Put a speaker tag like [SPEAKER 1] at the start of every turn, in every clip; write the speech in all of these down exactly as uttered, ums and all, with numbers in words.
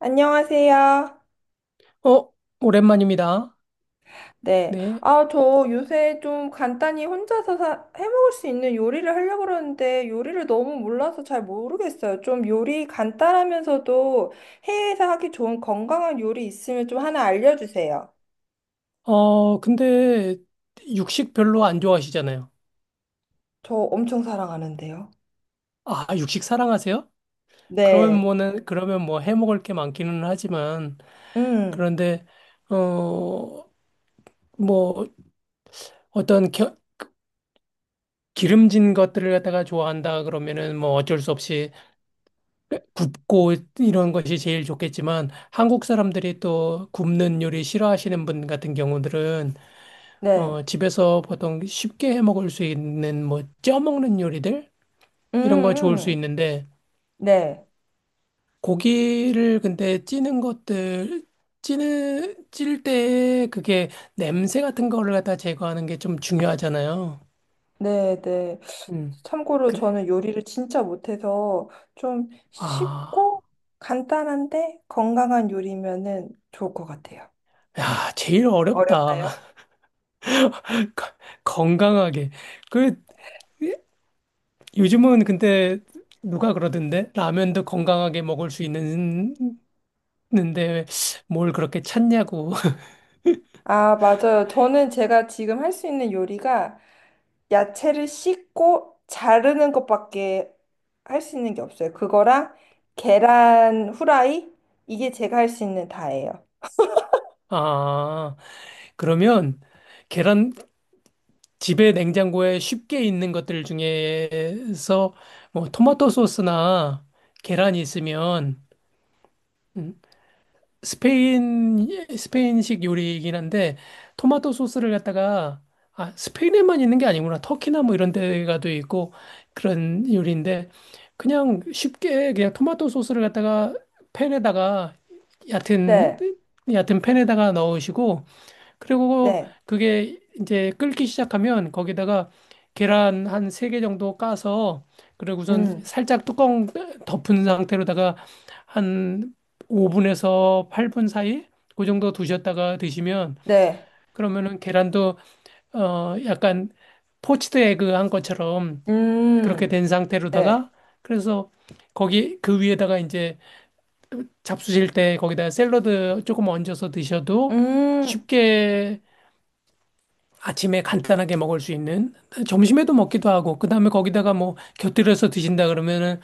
[SPEAKER 1] 안녕하세요.
[SPEAKER 2] 어, 오랜만입니다.
[SPEAKER 1] 네.
[SPEAKER 2] 네.
[SPEAKER 1] 아, 저 요새 좀 간단히 혼자서 사- 해먹을 수 있는 요리를 하려고 그러는데 요리를 너무 몰라서 잘 모르겠어요. 좀 요리 간단하면서도 해외에서 하기 좋은 건강한 요리 있으면 좀 하나 알려주세요.
[SPEAKER 2] 어, 근데 육식 별로 안 좋아하시잖아요.
[SPEAKER 1] 저 엄청 사랑하는데요.
[SPEAKER 2] 아, 육식 사랑하세요? 그러면
[SPEAKER 1] 네.
[SPEAKER 2] 뭐는, 그러면 뭐 해 먹을 게 많기는 하지만,
[SPEAKER 1] 음,
[SPEAKER 2] 그런데, 어, 뭐 어떤 겨- 기름진 것들을 갖다가 좋아한다 그러면은 뭐 어쩔 수 없이 굽고 이런 것이 제일 좋겠지만, 한국 사람들이 또 굽는 요리 싫어하시는 분 같은 경우들은
[SPEAKER 1] 네.
[SPEAKER 2] 어, 집에서 보통 쉽게 해 먹을 수 있는 뭐 쪄먹는 요리들
[SPEAKER 1] 음,
[SPEAKER 2] 이런 거 좋을 수
[SPEAKER 1] 음.
[SPEAKER 2] 있는데
[SPEAKER 1] 네.
[SPEAKER 2] 고기를 근데 찌는 것들 찌는 찔 때 그게 냄새 같은 거를 갖다 제거하는 게 좀 중요하잖아요.
[SPEAKER 1] 네, 네.
[SPEAKER 2] 음.
[SPEAKER 1] 참고로
[SPEAKER 2] 그래.
[SPEAKER 1] 저는 요리를 진짜 못해서 좀
[SPEAKER 2] 아.
[SPEAKER 1] 쉽고 간단한데 건강한 요리면은 좋을 것 같아요.
[SPEAKER 2] 야, 제일 어렵다.
[SPEAKER 1] 어렵나요?
[SPEAKER 2] 거- 건강하게. 그 요즘은 근데 누가 그러던데 라면도 건강하게 먹을 수 있는 는데 뭘 그렇게 찾냐고.
[SPEAKER 1] 아, 맞아요. 저는 제가 지금 할 수 있는 요리가 야채를 씻고 자르는 것밖에 할 수 있는 게 없어요. 그거랑 계란 후라이? 이게 제가 할 수 있는 다예요.
[SPEAKER 2] 아. 그러면 계란 집에 냉장고에 쉽게 있는 것들 중에서 뭐 토마토 소스나 계란이 있으면, 음, 스페인 스페인식 요리이긴 한데 토마토 소스를 갖다가, 아 스페인에만 있는 게 아니구나, 터키나 뭐 이런 데가도 있고, 그런 요리인데 그냥 쉽게 그냥 토마토 소스를 갖다가 팬에다가 얕은
[SPEAKER 1] 네,
[SPEAKER 2] 얕은 팬에다가 넣으시고, 그리고
[SPEAKER 1] 네,
[SPEAKER 2] 그게 이제 끓기 시작하면 거기다가 계란 한 세 개 정도 까서 그리고 우선
[SPEAKER 1] 음,
[SPEAKER 2] 살짝 뚜껑 덮은 상태로다가 한 오 분에서 팔 분 사이 그 정도 두셨다가 드시면,
[SPEAKER 1] 네,
[SPEAKER 2] 그러면은 계란도 어 약간 포치드 에그 한 것처럼 그렇게
[SPEAKER 1] 음,
[SPEAKER 2] 된
[SPEAKER 1] 네,
[SPEAKER 2] 상태로다가. 그래서 거기 그 위에다가 이제 잡수실 때 거기다 샐러드 조금 얹어서 드셔도
[SPEAKER 1] 음,
[SPEAKER 2] 쉽게 아침에 간단하게 먹을 수 있는, 점심에도 먹기도 하고 그다음에 거기다가 뭐 곁들여서 드신다 그러면은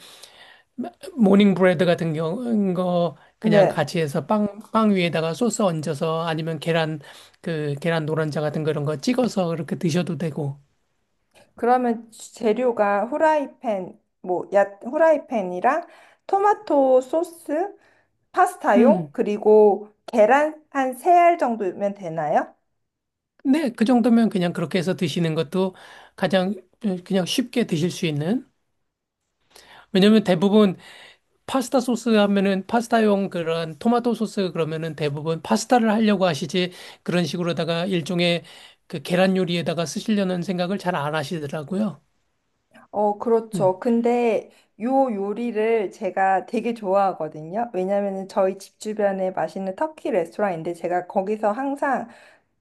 [SPEAKER 2] 모닝 브레드 같은 경우 거 그냥
[SPEAKER 1] 네.
[SPEAKER 2] 같이 해서 빵, 빵 위에다가 소스 얹어서, 아니면 계란 그 계란 노른자 같은 그런 거 찍어서 그렇게 드셔도 되고.
[SPEAKER 1] 그러면 재료가 후라이팬, 뭐, 야, 후라이팬이랑 토마토 소스, 파스타용,
[SPEAKER 2] 음,
[SPEAKER 1] 그리고 계란 한 세 알 정도면 되나요?
[SPEAKER 2] 네 그 정도면 그냥 그렇게 해서 드시는 것도 가장, 어, 그냥 쉽게 드실 수 있는. 왜냐면 대부분 파스타 소스 하면은 파스타용 그런 토마토 소스 그러면은 대부분 파스타를 하려고 하시지 그런 식으로다가 일종의 그 계란 요리에다가 쓰시려는 생각을 잘 안 하시더라고요.
[SPEAKER 1] 어,
[SPEAKER 2] 음.
[SPEAKER 1] 그렇죠. 근데 요 요리를 제가 되게 좋아하거든요. 왜냐면은 저희 집 주변에 맛있는 터키 레스토랑인데 제가 거기서 항상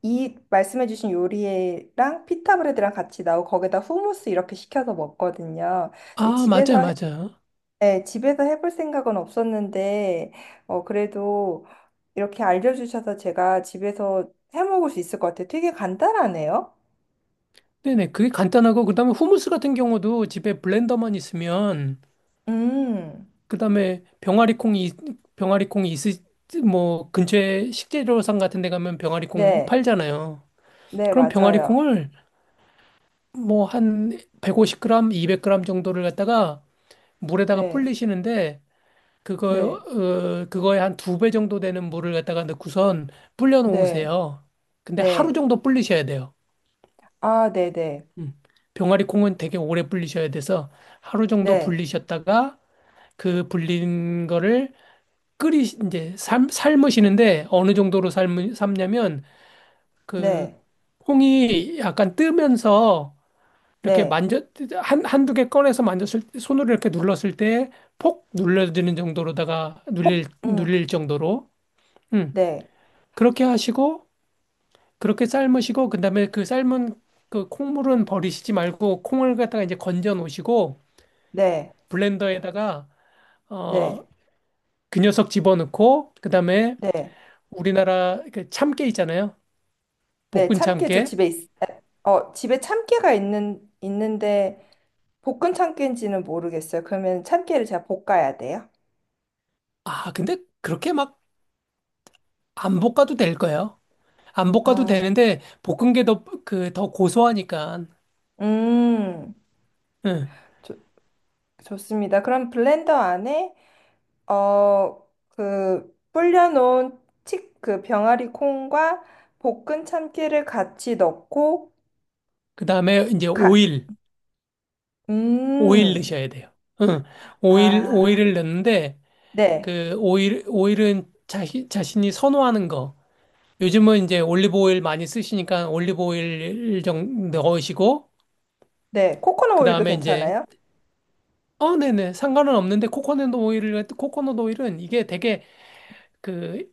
[SPEAKER 1] 이 말씀해주신 요리랑 피타 브레드랑 같이 나오고 거기다 후무스 이렇게 시켜서 먹거든요. 근데
[SPEAKER 2] 아, 맞아요,
[SPEAKER 1] 집에서,
[SPEAKER 2] 맞아요.
[SPEAKER 1] 네, 집에서 해볼 생각은 없었는데, 어, 그래도 이렇게 알려주셔서 제가 집에서 해 먹을 수 있을 것 같아요. 되게 간단하네요.
[SPEAKER 2] 네네. 그게 간단하고 그다음에 후무스 같은 경우도 집에 블렌더만 있으면,
[SPEAKER 1] 음,
[SPEAKER 2] 그다음에 병아리콩이 병아리콩이 있으 뭐 근처에 식재료상 같은 데 가면 병아리콩
[SPEAKER 1] 네,
[SPEAKER 2] 팔잖아요.
[SPEAKER 1] 네,
[SPEAKER 2] 그럼
[SPEAKER 1] 맞아요.
[SPEAKER 2] 병아리콩을 뭐 한 백오십 그램, 이백 그램 정도를 갖다가 물에다가
[SPEAKER 1] 네,
[SPEAKER 2] 불리시는데, 그거
[SPEAKER 1] 네,
[SPEAKER 2] 어, 그거에 한 두 배 정도 되는 물을 갖다가 넣고선 불려
[SPEAKER 1] 네,
[SPEAKER 2] 놓으세요. 근데 하루
[SPEAKER 1] 네.
[SPEAKER 2] 정도 불리셔야 돼요.
[SPEAKER 1] 아, 네, 네,
[SPEAKER 2] 음. 병아리 콩은 되게 오래 불리셔야 돼서 하루 정도
[SPEAKER 1] 네,
[SPEAKER 2] 불리셨다가 그 불린 거를 끓이 이제 삶 삶으시는데 어느 정도로 삶 삶냐면, 그
[SPEAKER 1] 네,
[SPEAKER 2] 콩이 약간 뜨면서 이렇게
[SPEAKER 1] 네.
[SPEAKER 2] 만져 한 한두 개 꺼내서 만졌을 때 손으로 이렇게 눌렀을 때 폭 눌러지는 정도로다가
[SPEAKER 1] 콩,
[SPEAKER 2] 눌릴
[SPEAKER 1] 음,
[SPEAKER 2] 눌릴 정도로. 음.
[SPEAKER 1] 네,
[SPEAKER 2] 그렇게 하시고 그렇게 삶으시고 그다음에 그 삶은 그 콩물은 버리시지 말고 콩을 갖다가 이제 건져 놓으시고
[SPEAKER 1] 네,
[SPEAKER 2] 블렌더에다가 어
[SPEAKER 1] 네,
[SPEAKER 2] 그 녀석 집어넣고, 그다음에
[SPEAKER 1] 네. 네.
[SPEAKER 2] 우리나라 그 참깨 있잖아요,
[SPEAKER 1] 네,
[SPEAKER 2] 볶은
[SPEAKER 1] 참깨 저
[SPEAKER 2] 참깨.
[SPEAKER 1] 집에 있, 어, 집에 참깨가 있는, 있는데 볶은 참깨인지는 모르겠어요. 그러면 참깨를 제가 볶아야 돼요.
[SPEAKER 2] 아 근데 그렇게 막 안 볶아도 될 거예요. 안 볶아도
[SPEAKER 1] 아,
[SPEAKER 2] 되는데 볶은 게 더 그 더 고소하니까.
[SPEAKER 1] 음,
[SPEAKER 2] 응.
[SPEAKER 1] 좋 좋습니다. 그럼 블렌더 안에 어, 그 불려놓은 치, 그 병아리 콩과 볶은 참깨를 같이 넣고,
[SPEAKER 2] 그 다음에 이제
[SPEAKER 1] 가,
[SPEAKER 2] 오일, 오일
[SPEAKER 1] 음,
[SPEAKER 2] 넣으셔야 돼요. 응. 오일,
[SPEAKER 1] 아,
[SPEAKER 2] 오일을 넣는데,
[SPEAKER 1] 네,
[SPEAKER 2] 그 오일, 오일은 자신, 자신이 선호하는 거. 요즘은 이제 올리브 오일 많이 쓰시니까 올리브 오일 좀 넣으시고,
[SPEAKER 1] 네, 코코넛
[SPEAKER 2] 그
[SPEAKER 1] 오일도
[SPEAKER 2] 다음에 이제,
[SPEAKER 1] 괜찮아요?
[SPEAKER 2] 어, 네네. 상관은 없는데, 코코넛 오일을, 코코넛 오일은 이게 되게 그,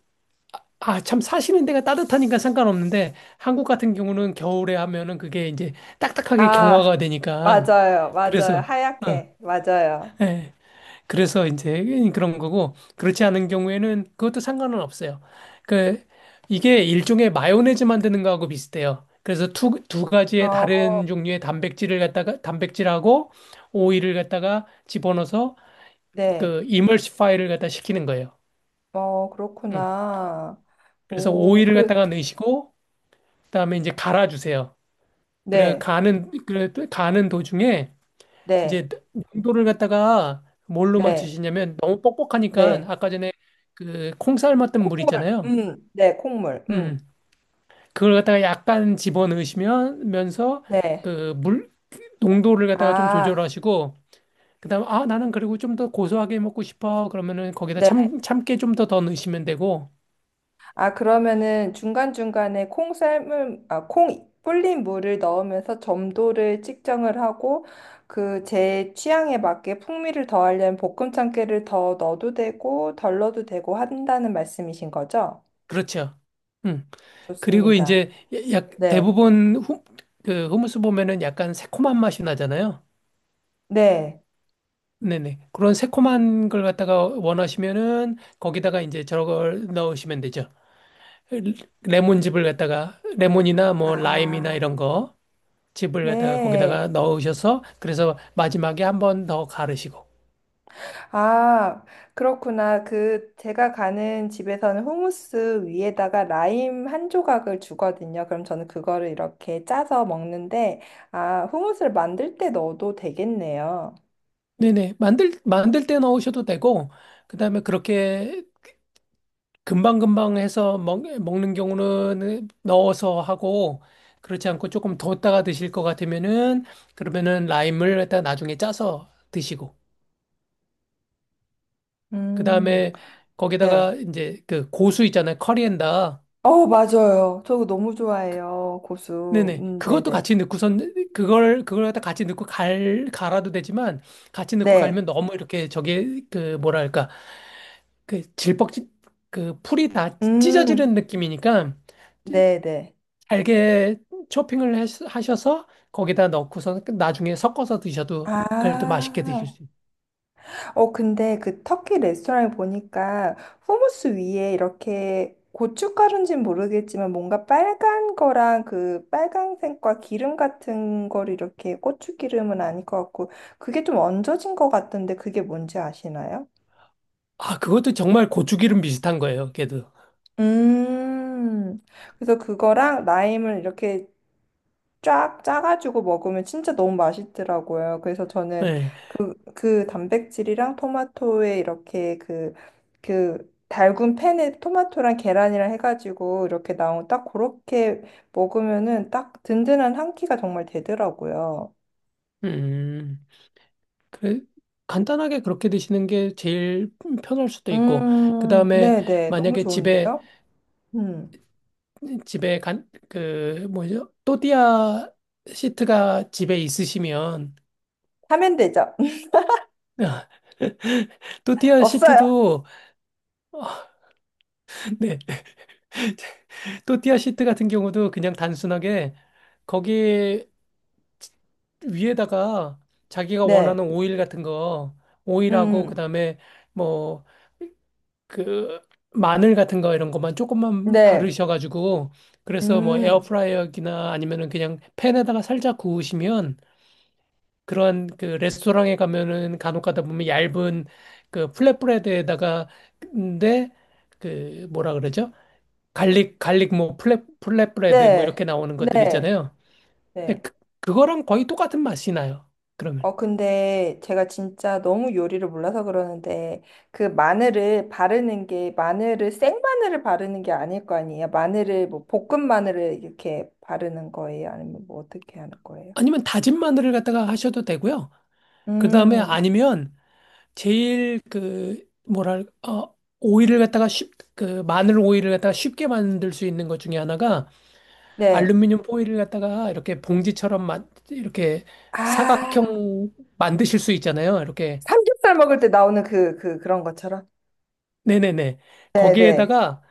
[SPEAKER 2] 아, 참 사시는 데가 따뜻하니까 상관없는데, 한국 같은 경우는 겨울에 하면은 그게 이제 딱딱하게
[SPEAKER 1] 아,
[SPEAKER 2] 경화가 되니까,
[SPEAKER 1] 맞아요, 맞아요,
[SPEAKER 2] 그래서, 어,
[SPEAKER 1] 하얗게, 맞아요.
[SPEAKER 2] 예. 그래서 이제 그런 거고 그렇지 않은 경우에는 그것도 상관은 없어요. 그 이게 일종의 마요네즈 만드는 거하고 비슷해요. 그래서 두, 두 가지의
[SPEAKER 1] 어,
[SPEAKER 2] 다른 종류의 단백질을 갖다가 단백질하고 오일을 갖다가 집어넣어서
[SPEAKER 1] 네.
[SPEAKER 2] 그 이머시파이를 갖다 시키는 거예요.
[SPEAKER 1] 어,
[SPEAKER 2] 음.
[SPEAKER 1] 그렇구나.
[SPEAKER 2] 그래서
[SPEAKER 1] 오,
[SPEAKER 2] 오일을
[SPEAKER 1] 그래.
[SPEAKER 2] 갖다가 넣으시고 그다음에 이제 갈아주세요. 그래
[SPEAKER 1] 네.
[SPEAKER 2] 가는 그래 가는 도중에
[SPEAKER 1] 네.
[SPEAKER 2] 이제 농도를 갖다가 뭘로
[SPEAKER 1] 네.
[SPEAKER 2] 맞추시냐면 너무 뻑뻑하니까
[SPEAKER 1] 네.
[SPEAKER 2] 아까 전에 그 콩쌀 맞던 물
[SPEAKER 1] 콩물.
[SPEAKER 2] 있잖아요.
[SPEAKER 1] 음. 네, 콩물.
[SPEAKER 2] 음,
[SPEAKER 1] 음.
[SPEAKER 2] 그걸 갖다가 약간 집어넣으시면서
[SPEAKER 1] 네.
[SPEAKER 2] 그 물 농도를 갖다가 좀
[SPEAKER 1] 아,
[SPEAKER 2] 조절하시고, 그다음 아 나는 그리고 좀 더 고소하게 먹고 싶어 그러면은 거기다
[SPEAKER 1] 네.
[SPEAKER 2] 참 참깨 좀 더 더 넣으시면 되고.
[SPEAKER 1] 아, 그러면은 중간중간에 콩 삶은 아, 콩 불린 물을 넣으면서 점도를 측정을 하고 그 제 취향에 맞게 풍미를 더하려면 볶음 참깨를 더 넣어도 되고 덜 넣어도 되고 한다는 말씀이신 거죠?
[SPEAKER 2] 그렇죠. 음. 그리고
[SPEAKER 1] 좋습니다.
[SPEAKER 2] 이제 약
[SPEAKER 1] 네.
[SPEAKER 2] 대부분 후, 그 후무스 보면은 약간 새콤한 맛이 나잖아요.
[SPEAKER 1] 네.
[SPEAKER 2] 네네. 그런 새콤한 걸 갖다가 원하시면은 거기다가 이제 저걸 넣으시면 되죠. 레몬즙을 갖다가 레몬이나 뭐 라임이나
[SPEAKER 1] 아,
[SPEAKER 2] 이런 거 즙을 갖다가
[SPEAKER 1] 네.
[SPEAKER 2] 거기다가 넣으셔서 그래서 마지막에 한번 더 갈으시고.
[SPEAKER 1] 아, 그렇구나. 그, 제가 가는 집에서는 후무스 위에다가 라임 한 조각을 주거든요. 그럼 저는 그거를 이렇게 짜서 먹는데, 아, 후무스를 만들 때 넣어도 되겠네요.
[SPEAKER 2] 네네. 만들 만들 때 넣으셔도 되고, 그다음에 그렇게 금방금방 해서 먹, 먹는 경우는 넣어서 하고, 그렇지 않고 조금 뒀다가 드실 것 같으면은 그러면은 라임을 갖다 나중에 짜서 드시고. 그
[SPEAKER 1] 음,
[SPEAKER 2] 다음에
[SPEAKER 1] 네.
[SPEAKER 2] 거기다가 이제 그 고수 있잖아요, 커리엔다.
[SPEAKER 1] 어, 맞아요. 저거 너무 좋아해요. 고수.
[SPEAKER 2] 네네.
[SPEAKER 1] 음,
[SPEAKER 2] 그것도
[SPEAKER 1] 네네.
[SPEAKER 2] 같이 넣고선 그걸 그걸 갖다 같이 넣고 갈 갈아도 되지만 같이 넣고
[SPEAKER 1] 네.
[SPEAKER 2] 갈면 너무 이렇게 저게 그 뭐랄까 그 질퍽지 그 풀이 다 찢어지는
[SPEAKER 1] 음,
[SPEAKER 2] 느낌이니까 찌-
[SPEAKER 1] 네네.
[SPEAKER 2] 잘게 초핑을 하셔- 하셔서 거기다 넣고선 그 나중에 섞어서 드셔도 그래도 맛있게 드실
[SPEAKER 1] 아.
[SPEAKER 2] 수 있어요.
[SPEAKER 1] 어, 근데 그 터키 레스토랑에 보니까 후무스 위에 이렇게 고춧가루인지는 모르겠지만 뭔가 빨간 거랑 그 빨간색과 기름 같은 걸 이렇게 고추기름은 아닐 것 같고 그게 좀 얹어진 것 같던데 그게 뭔지 아시나요?
[SPEAKER 2] 아, 그것도 정말 고추기름 비슷한 거예요. 걔도.
[SPEAKER 1] 음, 그래서 그거랑 라임을 이렇게 쫙 짜가지고 먹으면 진짜 너무 맛있더라고요. 그래서 저는
[SPEAKER 2] 네.
[SPEAKER 1] 그, 그 단백질이랑 토마토에 이렇게 그, 그 달군 팬에 토마토랑 계란이랑 해가지고 이렇게 나온 딱 그렇게 먹으면은 딱 든든한 한 끼가 정말 되더라고요.
[SPEAKER 2] 음. 그래, 간단하게 그렇게 드시는 게 제일 편할 수도 있고, 그
[SPEAKER 1] 음,
[SPEAKER 2] 다음에
[SPEAKER 1] 네네. 너무
[SPEAKER 2] 만약에 집에,
[SPEAKER 1] 좋은데요? 음.
[SPEAKER 2] 집에 간, 그, 뭐죠? 또띠아 시트가 집에 있으시면,
[SPEAKER 1] 하면 되죠?
[SPEAKER 2] 또띠아
[SPEAKER 1] 없어요?
[SPEAKER 2] 시트도, 네, 또띠아 시트 같은 경우도 그냥 단순하게 거기 위에다가 자기가
[SPEAKER 1] 네.
[SPEAKER 2] 원하는 오일 같은 거, 오일하고
[SPEAKER 1] 음,
[SPEAKER 2] 그다음에 뭐 그 마늘 같은 거 이런 것만 조금만
[SPEAKER 1] 네.
[SPEAKER 2] 바르셔가지고 그래서 뭐
[SPEAKER 1] 음,
[SPEAKER 2] 에어프라이어기나 아니면은 그냥 팬에다가 살짝 구우시면, 그런 그 레스토랑에 가면은 간혹 가다 보면 얇은 그 플랫브레드에다가, 근데 그 뭐라 그러죠? 갈릭 갈릭 뭐 플랫 플랫브레드 뭐 이렇게
[SPEAKER 1] 네.
[SPEAKER 2] 나오는 것들
[SPEAKER 1] 네.
[SPEAKER 2] 있잖아요. 근데
[SPEAKER 1] 네.
[SPEAKER 2] 그, 그거랑 거의 똑같은 맛이 나요. 그러면.
[SPEAKER 1] 어, 근데 제가 진짜 너무 요리를 몰라서 그러는데, 그 마늘을 바르는 게, 마늘을, 생마늘을 바르는 게 아닐 거 아니에요? 마늘을, 뭐, 볶은 마늘을 이렇게 바르는 거예요? 아니면 뭐, 어떻게 하는 거예요?
[SPEAKER 2] 아니면 다진 마늘을 갖다가 하셔도 되고요. 그 다음에
[SPEAKER 1] 음,
[SPEAKER 2] 아니면 제일 그 뭐랄 어 오일을 갖다가 쉽그 마늘 오일을 갖다가 쉽게 만들 수 있는 것 중에 하나가
[SPEAKER 1] 네.
[SPEAKER 2] 알루미늄 포일을 갖다가 이렇게 봉지처럼 만 이렇게
[SPEAKER 1] 아,
[SPEAKER 2] 사각형 만드실 수 있잖아요, 이렇게.
[SPEAKER 1] 삼겹살 먹을 때 나오는 그, 그, 그런 것처럼?
[SPEAKER 2] 네네네.
[SPEAKER 1] 네네.
[SPEAKER 2] 거기에다가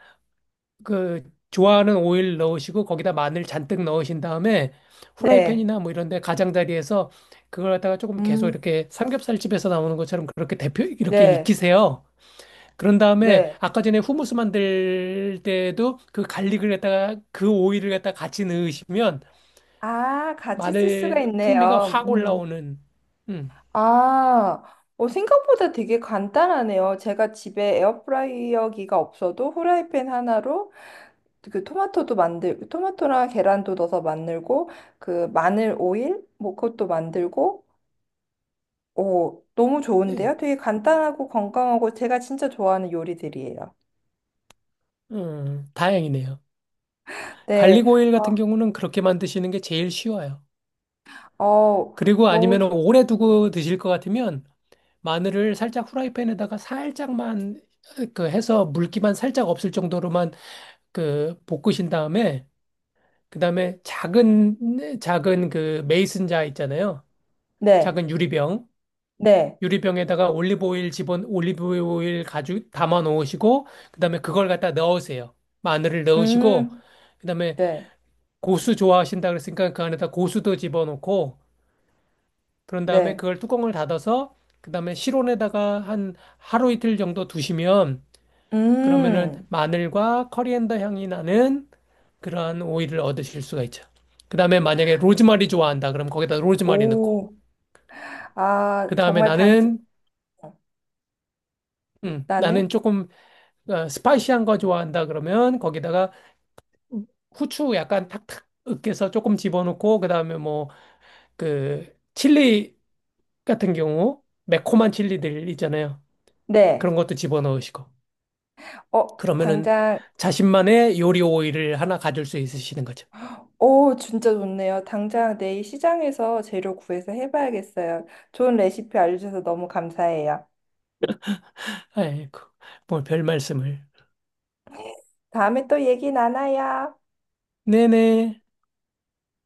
[SPEAKER 2] 그 좋아하는 오일 넣으시고 거기다 마늘 잔뜩 넣으신 다음에
[SPEAKER 1] 네. 네.
[SPEAKER 2] 후라이팬이나 뭐 이런 데 가장자리에서 그걸 갖다가 조금 계속
[SPEAKER 1] 음.
[SPEAKER 2] 이렇게 삼겹살집에서 나오는 것처럼 그렇게 대표 이렇게
[SPEAKER 1] 네.
[SPEAKER 2] 익히세요. 그런 다음에
[SPEAKER 1] 네.
[SPEAKER 2] 아까 전에 후무스 만들 때도 그 갈릭을 갖다가 그 오일을 갖다가 같이 넣으시면
[SPEAKER 1] 아, 같이 쓸 수가
[SPEAKER 2] 마늘 풍미가
[SPEAKER 1] 있네요.
[SPEAKER 2] 확
[SPEAKER 1] 음.
[SPEAKER 2] 올라오는. 음.
[SPEAKER 1] 아, 어, 생각보다 되게 간단하네요. 제가 집에 에어프라이어기가 없어도 후라이팬 하나로 그 토마토도 만들, 토마토랑 계란도 넣어서 만들고, 그 마늘 오일? 뭐 그것도 만들고, 오, 너무
[SPEAKER 2] 네.
[SPEAKER 1] 좋은데요? 되게 간단하고 건강하고 제가 진짜 좋아하는 요리들이에요.
[SPEAKER 2] 음, 다행이네요.
[SPEAKER 1] 네,
[SPEAKER 2] 갈릭 오일
[SPEAKER 1] 어,
[SPEAKER 2] 같은 경우는 그렇게 만드시는 게 제일 쉬워요.
[SPEAKER 1] 어,
[SPEAKER 2] 그리고
[SPEAKER 1] 너무
[SPEAKER 2] 아니면
[SPEAKER 1] 좋,
[SPEAKER 2] 오래
[SPEAKER 1] 음.
[SPEAKER 2] 두고 드실 것 같으면 마늘을 살짝 후라이팬에다가 살짝만 그 해서 물기만 살짝 없을 정도로만 그 볶으신 다음에 그다음에 작은 작은 그 메이슨 자 있잖아요,
[SPEAKER 1] 네,
[SPEAKER 2] 작은 유리병,
[SPEAKER 1] 네,
[SPEAKER 2] 유리병에다가 올리브오일 집은 올리브오일 가죽 담아 놓으시고, 그다음에 그걸 갖다 넣으세요. 마늘을
[SPEAKER 1] 음,
[SPEAKER 2] 넣으시고, 그다음에
[SPEAKER 1] 네,
[SPEAKER 2] 고수 좋아하신다 그랬으니까 그 안에다 고수도 집어넣고, 그런 다음에
[SPEAKER 1] 네,
[SPEAKER 2] 그걸 뚜껑을 닫아서, 그다음에 실온에다가 한 하루 이틀 정도 두시면, 그러면은
[SPEAKER 1] 음,
[SPEAKER 2] 마늘과 커리앤더 향이 나는 그러한 오일을 얻으실 수가 있죠. 그다음에 만약에 로즈마리 좋아한다 그럼 거기다 로즈마리 넣고,
[SPEAKER 1] 오, 아,
[SPEAKER 2] 그다음에
[SPEAKER 1] 정말 당,
[SPEAKER 2] 나는 음, 나는
[SPEAKER 1] 나는?
[SPEAKER 2] 조금 어, 스파이시한 거 좋아한다 그러면 거기다가 후추 약간 탁탁 으깨서 조금 집어넣고 그다음에 뭐 그 칠리 같은 경우 매콤한 칠리들 있잖아요.
[SPEAKER 1] 네.
[SPEAKER 2] 그런 것도 집어넣으시고
[SPEAKER 1] 어,
[SPEAKER 2] 그러면은
[SPEAKER 1] 당장,
[SPEAKER 2] 자신만의 요리 오일을 하나 가질 수 있으시는 거죠.
[SPEAKER 1] 오, 진짜 좋네요. 당장 내일 시장에서 재료 구해서 해봐야겠어요. 좋은 레시피 알려주셔서 너무 감사해요.
[SPEAKER 2] 아이고 뭐 별 말씀을.
[SPEAKER 1] 다음에 또 얘기 나눠요.
[SPEAKER 2] 네네.